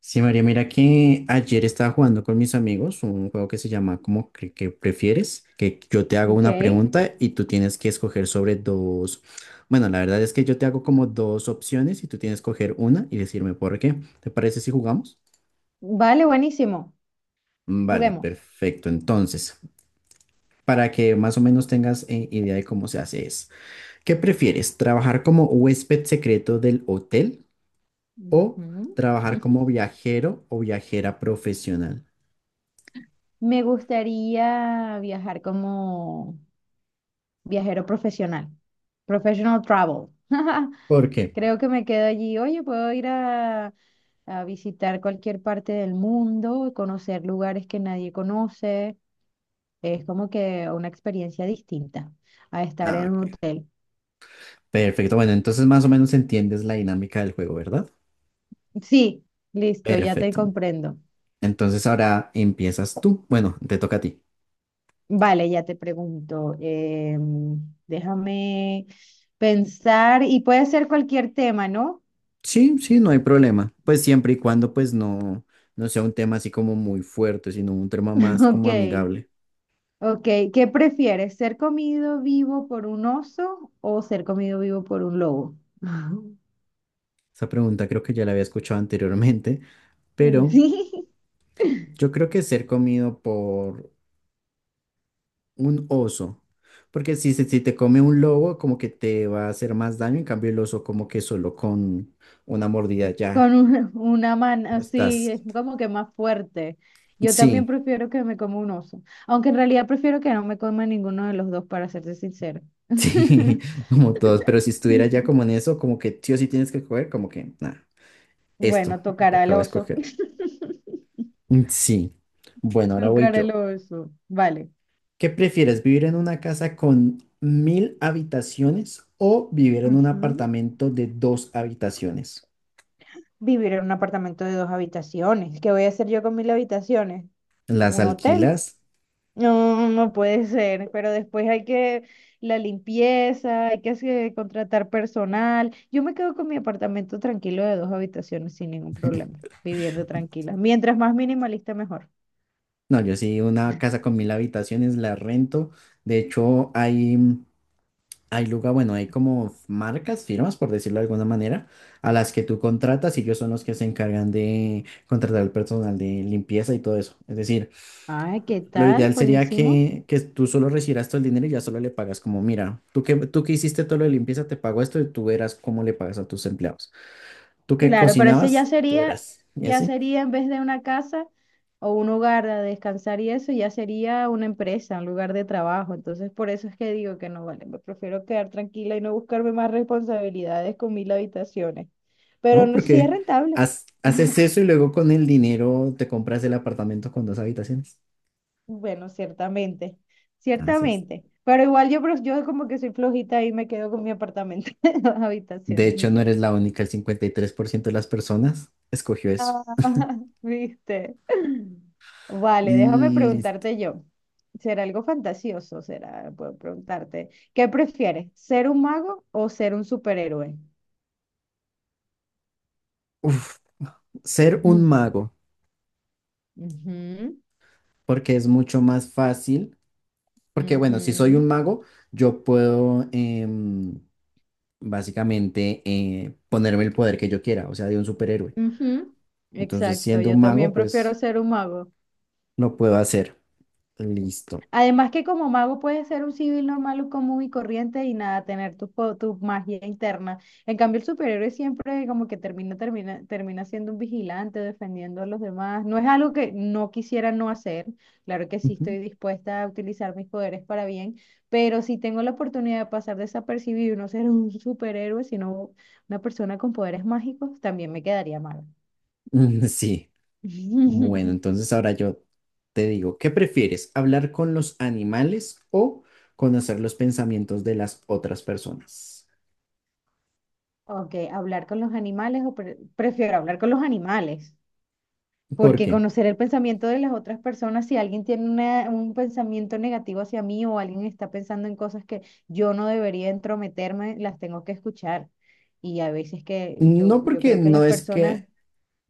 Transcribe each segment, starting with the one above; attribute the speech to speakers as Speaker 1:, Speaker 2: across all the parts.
Speaker 1: Sí, María, mira que ayer estaba jugando con mis amigos un juego que se llama como que prefieres, que yo te hago
Speaker 2: Ok,
Speaker 1: una pregunta y tú tienes que escoger sobre dos. Bueno, la verdad es que yo te hago como dos opciones y tú tienes que escoger una y decirme por qué. ¿Te parece si jugamos?
Speaker 2: vale, buenísimo.
Speaker 1: Vale,
Speaker 2: Juguemos.
Speaker 1: perfecto. Entonces, para que más o menos tengas idea de cómo se hace es, ¿qué prefieres? ¿Trabajar como huésped secreto del hotel o
Speaker 2: Ujú.
Speaker 1: trabajar como viajero o viajera profesional?
Speaker 2: Me gustaría viajar como viajero profesional, professional travel.
Speaker 1: ¿Por qué?
Speaker 2: Creo que me quedo allí. Oye, puedo ir a visitar cualquier parte del mundo, conocer lugares que nadie conoce. Es como que una experiencia distinta a estar
Speaker 1: Ah,
Speaker 2: en un
Speaker 1: ok.
Speaker 2: hotel.
Speaker 1: Perfecto, bueno, entonces más o menos entiendes la dinámica del juego, ¿verdad?
Speaker 2: Sí, listo, ya te
Speaker 1: Perfecto.
Speaker 2: comprendo.
Speaker 1: Entonces ahora empiezas tú. Bueno, te toca a ti.
Speaker 2: Vale, ya te pregunto. Déjame pensar y puede ser cualquier tema, ¿no?
Speaker 1: Sí, sí, no hay problema. Pues siempre y cuando pues no, no sea un tema así como muy fuerte, sino un tema más
Speaker 2: Ok,
Speaker 1: como amigable.
Speaker 2: ok. ¿Qué prefieres? ¿Ser comido vivo por un oso o ser comido vivo por un lobo?
Speaker 1: Esa pregunta creo que ya la había escuchado anteriormente, pero
Speaker 2: Sí,
Speaker 1: yo creo que ser comido por un oso, porque si, si te come un lobo como que te va a hacer más daño, en cambio el oso como que solo con una mordida
Speaker 2: con
Speaker 1: ya
Speaker 2: una mano
Speaker 1: no
Speaker 2: así,
Speaker 1: estás.
Speaker 2: es como que más fuerte. Yo también
Speaker 1: Sí,
Speaker 2: prefiero que me coma un oso, aunque en realidad prefiero que no me coma ninguno de los dos, para serte sincero.
Speaker 1: sí, como todos, pero si estuviera ya como en eso, como que sí o sí tienes que coger, como que nada, esto,
Speaker 2: Bueno,
Speaker 1: lo que
Speaker 2: tocará al
Speaker 1: acabo de
Speaker 2: oso.
Speaker 1: escoger. Sí, bueno, ahora voy
Speaker 2: Tocar el
Speaker 1: yo.
Speaker 2: oso. Vale.
Speaker 1: ¿Qué prefieres, vivir en una casa con mil habitaciones o vivir en un
Speaker 2: Ujú.
Speaker 1: apartamento de dos habitaciones?
Speaker 2: Vivir en un apartamento de dos habitaciones. ¿Qué voy a hacer yo con mil habitaciones?
Speaker 1: ¿Las
Speaker 2: ¿Un hotel?
Speaker 1: alquilas?
Speaker 2: No, no puede ser. Pero después hay que la limpieza, hay que contratar personal. Yo me quedo con mi apartamento tranquilo de dos habitaciones sin ningún problema, viviendo tranquila. Mientras más minimalista, mejor.
Speaker 1: No, yo sí, una casa con mil habitaciones la rento. De hecho, hay... Hay lugar, bueno, hay como marcas, firmas, por decirlo de alguna manera, a las que tú contratas y ellos son los que se encargan de contratar el personal de limpieza y todo eso. Es decir,
Speaker 2: Ah, ¿qué
Speaker 1: lo
Speaker 2: tal?
Speaker 1: ideal sería
Speaker 2: Buenísimo.
Speaker 1: que tú solo recibieras todo el dinero y ya solo le pagas como, mira, tú que hiciste todo lo de limpieza, te pago esto y tú verás cómo le pagas a tus empleados. Tú que
Speaker 2: Claro, pero eso
Speaker 1: cocinabas, tú verás. Y
Speaker 2: ya
Speaker 1: así,
Speaker 2: sería en vez de una casa o un hogar a descansar y eso, ya sería una empresa, un lugar de trabajo. Entonces, por eso es que digo que no vale, me prefiero quedar tranquila y no buscarme más responsabilidades con mil habitaciones. Pero
Speaker 1: ¿no?
Speaker 2: no, sí es
Speaker 1: Porque
Speaker 2: rentable.
Speaker 1: haces eso y luego con el dinero te compras el apartamento con dos habitaciones.
Speaker 2: Bueno, ciertamente,
Speaker 1: Así
Speaker 2: ciertamente. Pero igual yo, yo como que soy flojita y me quedo con mi apartamento, de dos
Speaker 1: de
Speaker 2: habitaciones
Speaker 1: hecho,
Speaker 2: y
Speaker 1: no
Speaker 2: ya.
Speaker 1: eres la única, el 53% de las personas escogió eso.
Speaker 2: Ah, ¿viste? Vale, déjame
Speaker 1: Listo.
Speaker 2: preguntarte yo. ¿Será algo fantasioso? ¿Será? Puedo preguntarte. ¿Qué prefieres? ¿Ser un mago o ser un superhéroe?
Speaker 1: Uf, ser un
Speaker 2: Mm,
Speaker 1: mago,
Speaker 2: ujú,
Speaker 1: porque es mucho más fácil, porque bueno, si soy
Speaker 2: ujú,
Speaker 1: un mago, yo puedo básicamente ponerme el poder que yo quiera, o sea, de un superhéroe.
Speaker 2: ujú.
Speaker 1: Entonces,
Speaker 2: Exacto,
Speaker 1: siendo
Speaker 2: yo
Speaker 1: un
Speaker 2: también
Speaker 1: mago,
Speaker 2: prefiero
Speaker 1: pues
Speaker 2: ser un mago.
Speaker 1: lo puedo hacer. Listo.
Speaker 2: Además que como mago puedes ser un civil normal, un común y corriente y nada, tener tu, tu magia interna. En cambio, el superhéroe siempre como que termina, termina, termina siendo un vigilante, defendiendo a los demás. No es algo que no quisiera no hacer. Claro que sí
Speaker 1: Ujú.
Speaker 2: estoy dispuesta a utilizar mis poderes para bien, pero si tengo la oportunidad de pasar desapercibido y no ser un superhéroe, sino una persona con poderes mágicos, también me quedaría mal.
Speaker 1: Sí. Bueno, entonces ahora yo te digo, ¿qué prefieres? ¿Hablar con los animales o conocer los pensamientos de las otras personas?
Speaker 2: Ok, hablar con los animales prefiero hablar con los animales.
Speaker 1: ¿Por
Speaker 2: Porque
Speaker 1: qué?
Speaker 2: conocer el pensamiento de las otras personas, si alguien tiene un pensamiento negativo hacia mí o alguien está pensando en cosas que yo no debería entrometerme, las tengo que escuchar. Y a veces que yo,
Speaker 1: No
Speaker 2: yo
Speaker 1: porque
Speaker 2: creo que
Speaker 1: no
Speaker 2: las
Speaker 1: es
Speaker 2: personas,
Speaker 1: que,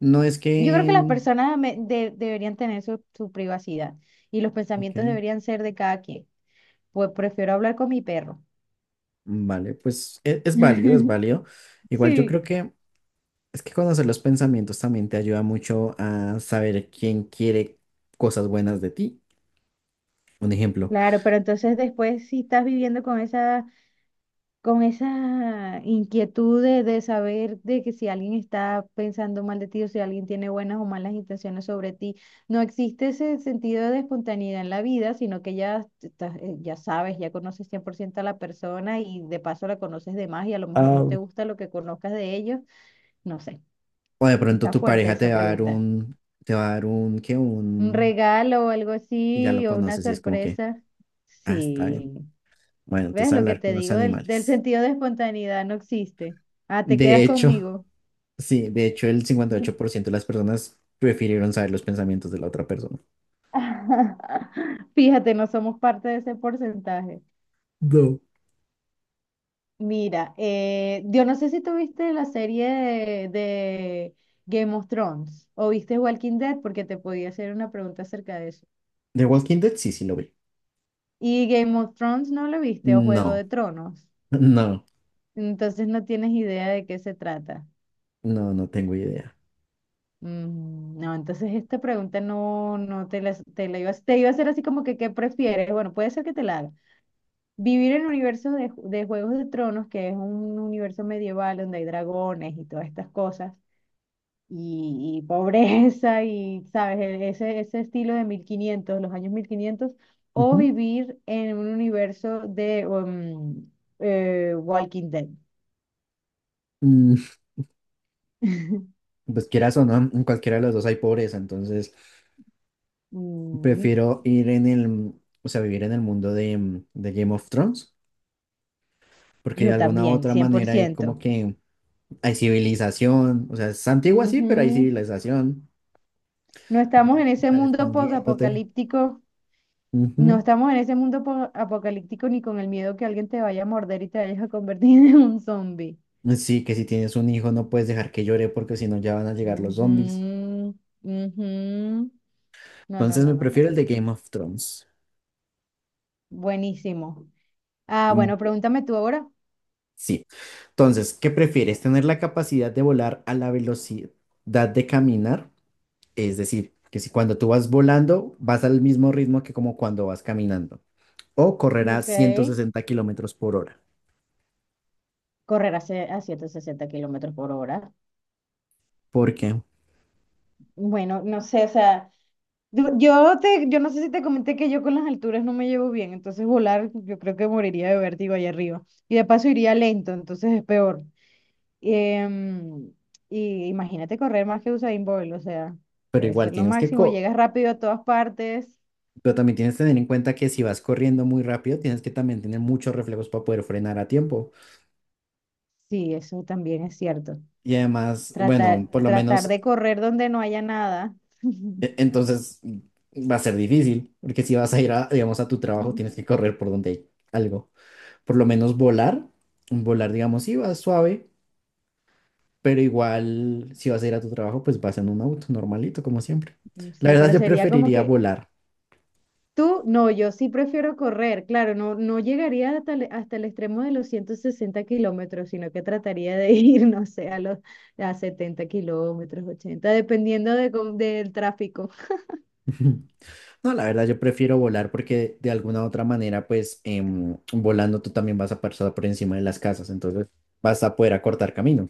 Speaker 1: no es
Speaker 2: yo creo
Speaker 1: que,
Speaker 2: que las personas deberían tener su, su privacidad y los
Speaker 1: ok,
Speaker 2: pensamientos deberían ser de cada quien. Pues prefiero hablar con mi perro.
Speaker 1: vale, pues es, válido, es válido. Igual yo
Speaker 2: Sí,
Speaker 1: creo que es que conocer los pensamientos también te ayuda mucho a saber quién quiere cosas buenas de ti. Un ejemplo.
Speaker 2: claro, pero entonces después si estás viviendo con esas con esa inquietud de saber de que si alguien está pensando mal de ti o si alguien tiene buenas o malas intenciones sobre ti, no existe ese sentido de espontaneidad en la vida, sino que ya, ya sabes, ya conoces 100% a la persona y de paso la conoces de más y a lo mejor no
Speaker 1: Ah,
Speaker 2: te gusta lo que conozcas de ellos. No sé,
Speaker 1: o de pronto
Speaker 2: está
Speaker 1: tu
Speaker 2: fuerte
Speaker 1: pareja
Speaker 2: esa
Speaker 1: te va a dar
Speaker 2: pregunta.
Speaker 1: un, te va a dar un, ¿qué?
Speaker 2: Un regalo o algo
Speaker 1: Y ya lo
Speaker 2: así o una
Speaker 1: conoces y es como que,
Speaker 2: sorpresa.
Speaker 1: ah, está bien.
Speaker 2: Sí.
Speaker 1: Bueno,
Speaker 2: ¿Ves
Speaker 1: entonces
Speaker 2: lo que
Speaker 1: hablar
Speaker 2: te
Speaker 1: con los
Speaker 2: digo? Del, del
Speaker 1: animales.
Speaker 2: sentido de espontaneidad no existe. Ah, te
Speaker 1: De
Speaker 2: quedas
Speaker 1: hecho,
Speaker 2: conmigo.
Speaker 1: sí, de hecho el 58% de las personas prefirieron saber los pensamientos de la otra persona.
Speaker 2: Fíjate, no somos parte de ese porcentaje.
Speaker 1: No.
Speaker 2: Mira, yo no sé si tú viste la serie de Game of Thrones o viste Walking Dead porque te podía hacer una pregunta acerca de eso.
Speaker 1: The Walking Dead, sí, sí lo vi.
Speaker 2: Y Game of Thrones no lo viste o Juego
Speaker 1: No,
Speaker 2: de Tronos.
Speaker 1: no,
Speaker 2: Entonces no tienes idea de qué se trata.
Speaker 1: no, no tengo idea.
Speaker 2: Mm. No, entonces esta pregunta no, no te la, te la iba, te iba a hacer así como que ¿qué prefieres? Bueno, puede ser que te la haga. Vivir en el universo de, de Juegos de Tronos, que es un universo medieval donde hay dragones y todas estas cosas, y pobreza y, ¿sabes? Ese, ese estilo de 1500, los años 1500, o
Speaker 1: Ujú.
Speaker 2: vivir en un universo de Walking Dead.
Speaker 1: Mm, pues quieras o no, en cualquiera de los dos hay pobreza, entonces
Speaker 2: Mm.
Speaker 1: prefiero ir en el, o sea, vivir en el mundo de Game of Thrones, porque de
Speaker 2: Yo
Speaker 1: alguna u
Speaker 2: también,
Speaker 1: otra manera ahí como
Speaker 2: 100%.
Speaker 1: que hay civilización, o sea, es antigua sí, pero hay
Speaker 2: Ujú.
Speaker 1: civilización.
Speaker 2: No
Speaker 1: No
Speaker 2: estamos en
Speaker 1: tienes que
Speaker 2: ese
Speaker 1: estar
Speaker 2: mundo
Speaker 1: escondiéndote.
Speaker 2: posapocalíptico, no
Speaker 1: Ujú.
Speaker 2: estamos en ese mundo apocalíptico ni con el miedo que alguien te vaya a morder y te vayas a convertir en un zombie.
Speaker 1: Sí, que si tienes un hijo no puedes dejar que llore porque si no ya van a llegar los zombies.
Speaker 2: Ujú, ujú. No, no,
Speaker 1: Entonces
Speaker 2: no,
Speaker 1: me
Speaker 2: no, no.
Speaker 1: prefiero el de Game of Thrones.
Speaker 2: Buenísimo. Ah,
Speaker 1: Mm,
Speaker 2: bueno, pregúntame tú ahora.
Speaker 1: Sí. Entonces, ¿qué prefieres? ¿Tener la capacidad de volar a la velocidad de caminar? Es decir, que si cuando tú vas volando vas al mismo ritmo que como cuando vas caminando. O correr a
Speaker 2: Ok.
Speaker 1: 160 kilómetros por hora.
Speaker 2: Correr a, a 160 km/h.
Speaker 1: ¿Por qué?
Speaker 2: Bueno, no sé, o sea, yo te, yo no sé si te comenté que yo con las alturas no me llevo bien, entonces volar yo creo que moriría de vértigo allá arriba. Y de paso iría lento, entonces es peor. Em, y imagínate correr más que Usain Bolt, o sea,
Speaker 1: Pero
Speaker 2: debe
Speaker 1: igual
Speaker 2: ser lo
Speaker 1: tienes que
Speaker 2: máximo, llegas rápido a todas partes.
Speaker 1: pero también tienes que tener en cuenta que si vas corriendo muy rápido, tienes que también tener muchos reflejos para poder frenar a tiempo.
Speaker 2: Sí, eso también es cierto.
Speaker 1: Y además,
Speaker 2: Tratar,
Speaker 1: bueno, por lo
Speaker 2: tratar
Speaker 1: menos
Speaker 2: de correr donde no haya nada.
Speaker 1: entonces va a ser difícil, porque si vas a ir a, digamos, a tu trabajo, tienes que correr por donde hay algo. Por lo menos volar, volar, digamos, sí vas suave, pero igual si vas a ir a tu trabajo, pues vas en un auto normalito, como siempre.
Speaker 2: No
Speaker 1: La
Speaker 2: sé,
Speaker 1: verdad,
Speaker 2: pero
Speaker 1: yo
Speaker 2: sería como
Speaker 1: preferiría
Speaker 2: que
Speaker 1: volar.
Speaker 2: tú, no, yo sí prefiero correr, claro, no, no llegaría hasta el extremo de los 160 kilómetros, sino que trataría de ir, no sé, a los a 70 kilómetros, 80, dependiendo de, del tráfico.
Speaker 1: No, la verdad, yo prefiero volar porque de alguna u otra manera, pues volando tú también vas a pasar por encima de las casas, entonces vas a poder acortar camino.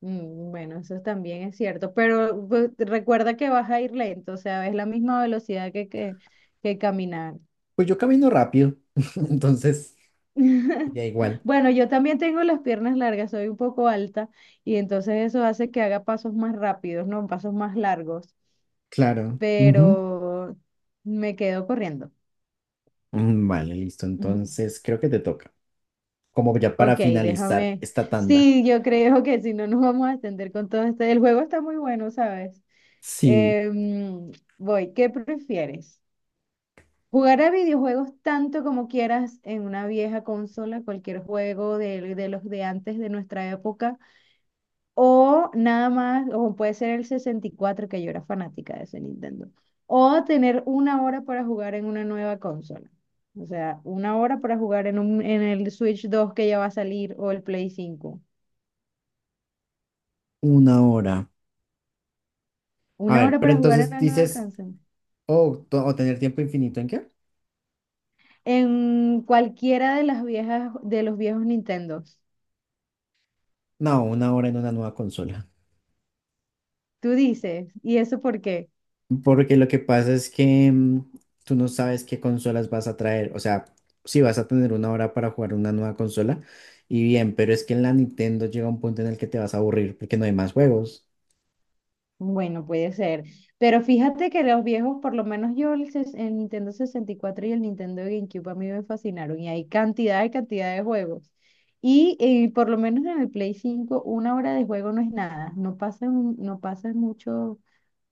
Speaker 2: Mm. Bueno, eso también es cierto, pero pues, recuerda que vas a ir lento, o sea, es la misma velocidad que caminar.
Speaker 1: Pues yo camino rápido, entonces ya igual.
Speaker 2: Bueno, yo también tengo las piernas largas, soy un poco alta y entonces eso hace que haga pasos más rápidos, no pasos más largos.
Speaker 1: Claro. Ujú.
Speaker 2: Pero me quedo corriendo.
Speaker 1: Vale, listo. Entonces creo que te toca. Como ya para
Speaker 2: Ok,
Speaker 1: finalizar
Speaker 2: déjame.
Speaker 1: esta tanda.
Speaker 2: Sí, yo creo que si no nos vamos a extender con todo este. El juego está muy bueno, ¿sabes?
Speaker 1: Sí,
Speaker 2: Em, voy, ¿qué prefieres? ¿Jugar a videojuegos tanto como quieras en una vieja consola, cualquier juego de los de antes de nuestra época? O nada más, o puede ser el 64 que yo era fanática de ese Nintendo. O tener una hora para jugar en una nueva consola. O sea, una hora para jugar en, un, en el Switch 2 que ya va a salir o el Play cinco.
Speaker 1: una hora. A
Speaker 2: Una
Speaker 1: ver,
Speaker 2: hora
Speaker 1: pero
Speaker 2: para jugar en
Speaker 1: entonces
Speaker 2: la nueva
Speaker 1: dices,
Speaker 2: consola.
Speaker 1: oh, o tener tiempo infinito en qué?
Speaker 2: En cualquiera de las viejas, de los viejos Nintendos.
Speaker 1: No, una hora en una nueva consola.
Speaker 2: Tú dices, ¿y eso por qué?
Speaker 1: Porque lo que pasa es que tú no sabes qué consolas vas a traer. O sea, si vas a tener una hora para jugar una nueva consola, y bien, pero es que en la Nintendo llega un punto en el que te vas a aburrir porque no hay más juegos.
Speaker 2: Bueno, puede ser. Pero fíjate que los viejos, por lo menos yo, el, el Nintendo 64 y cuatro y el Nintendo GameCube a mí me fascinaron. Y hay cantidad y cantidad de juegos. Y por lo menos en el Play 5, una hora de juego no es nada. No pasas, no pasas mucho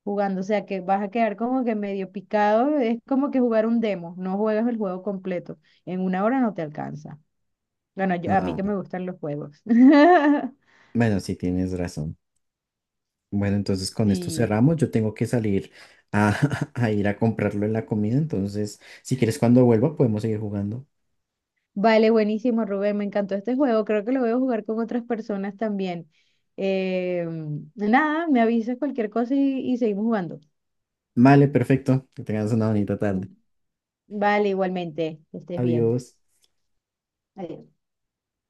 Speaker 2: jugando. O sea que vas a quedar como que medio picado. Es como que jugar un demo. No juegas el juego completo. En una hora no te alcanza. Bueno, a mí
Speaker 1: Ah,
Speaker 2: que
Speaker 1: bueno,
Speaker 2: me gustan los juegos.
Speaker 1: bueno, sí, tienes razón. Bueno, entonces con esto
Speaker 2: Sí.
Speaker 1: cerramos. Yo tengo que salir a, a ir a comprarlo en la comida. Entonces, si quieres, cuando vuelva, podemos seguir jugando.
Speaker 2: Vale, buenísimo, Rubén. Me encantó este juego. Creo que lo voy a jugar con otras personas también. Eh, nada, me avisas cualquier cosa y seguimos jugando.
Speaker 1: Vale, perfecto. Que tengas una bonita tarde.
Speaker 2: Vale, igualmente. Que estés bien.
Speaker 1: Adiós.
Speaker 2: Adiós.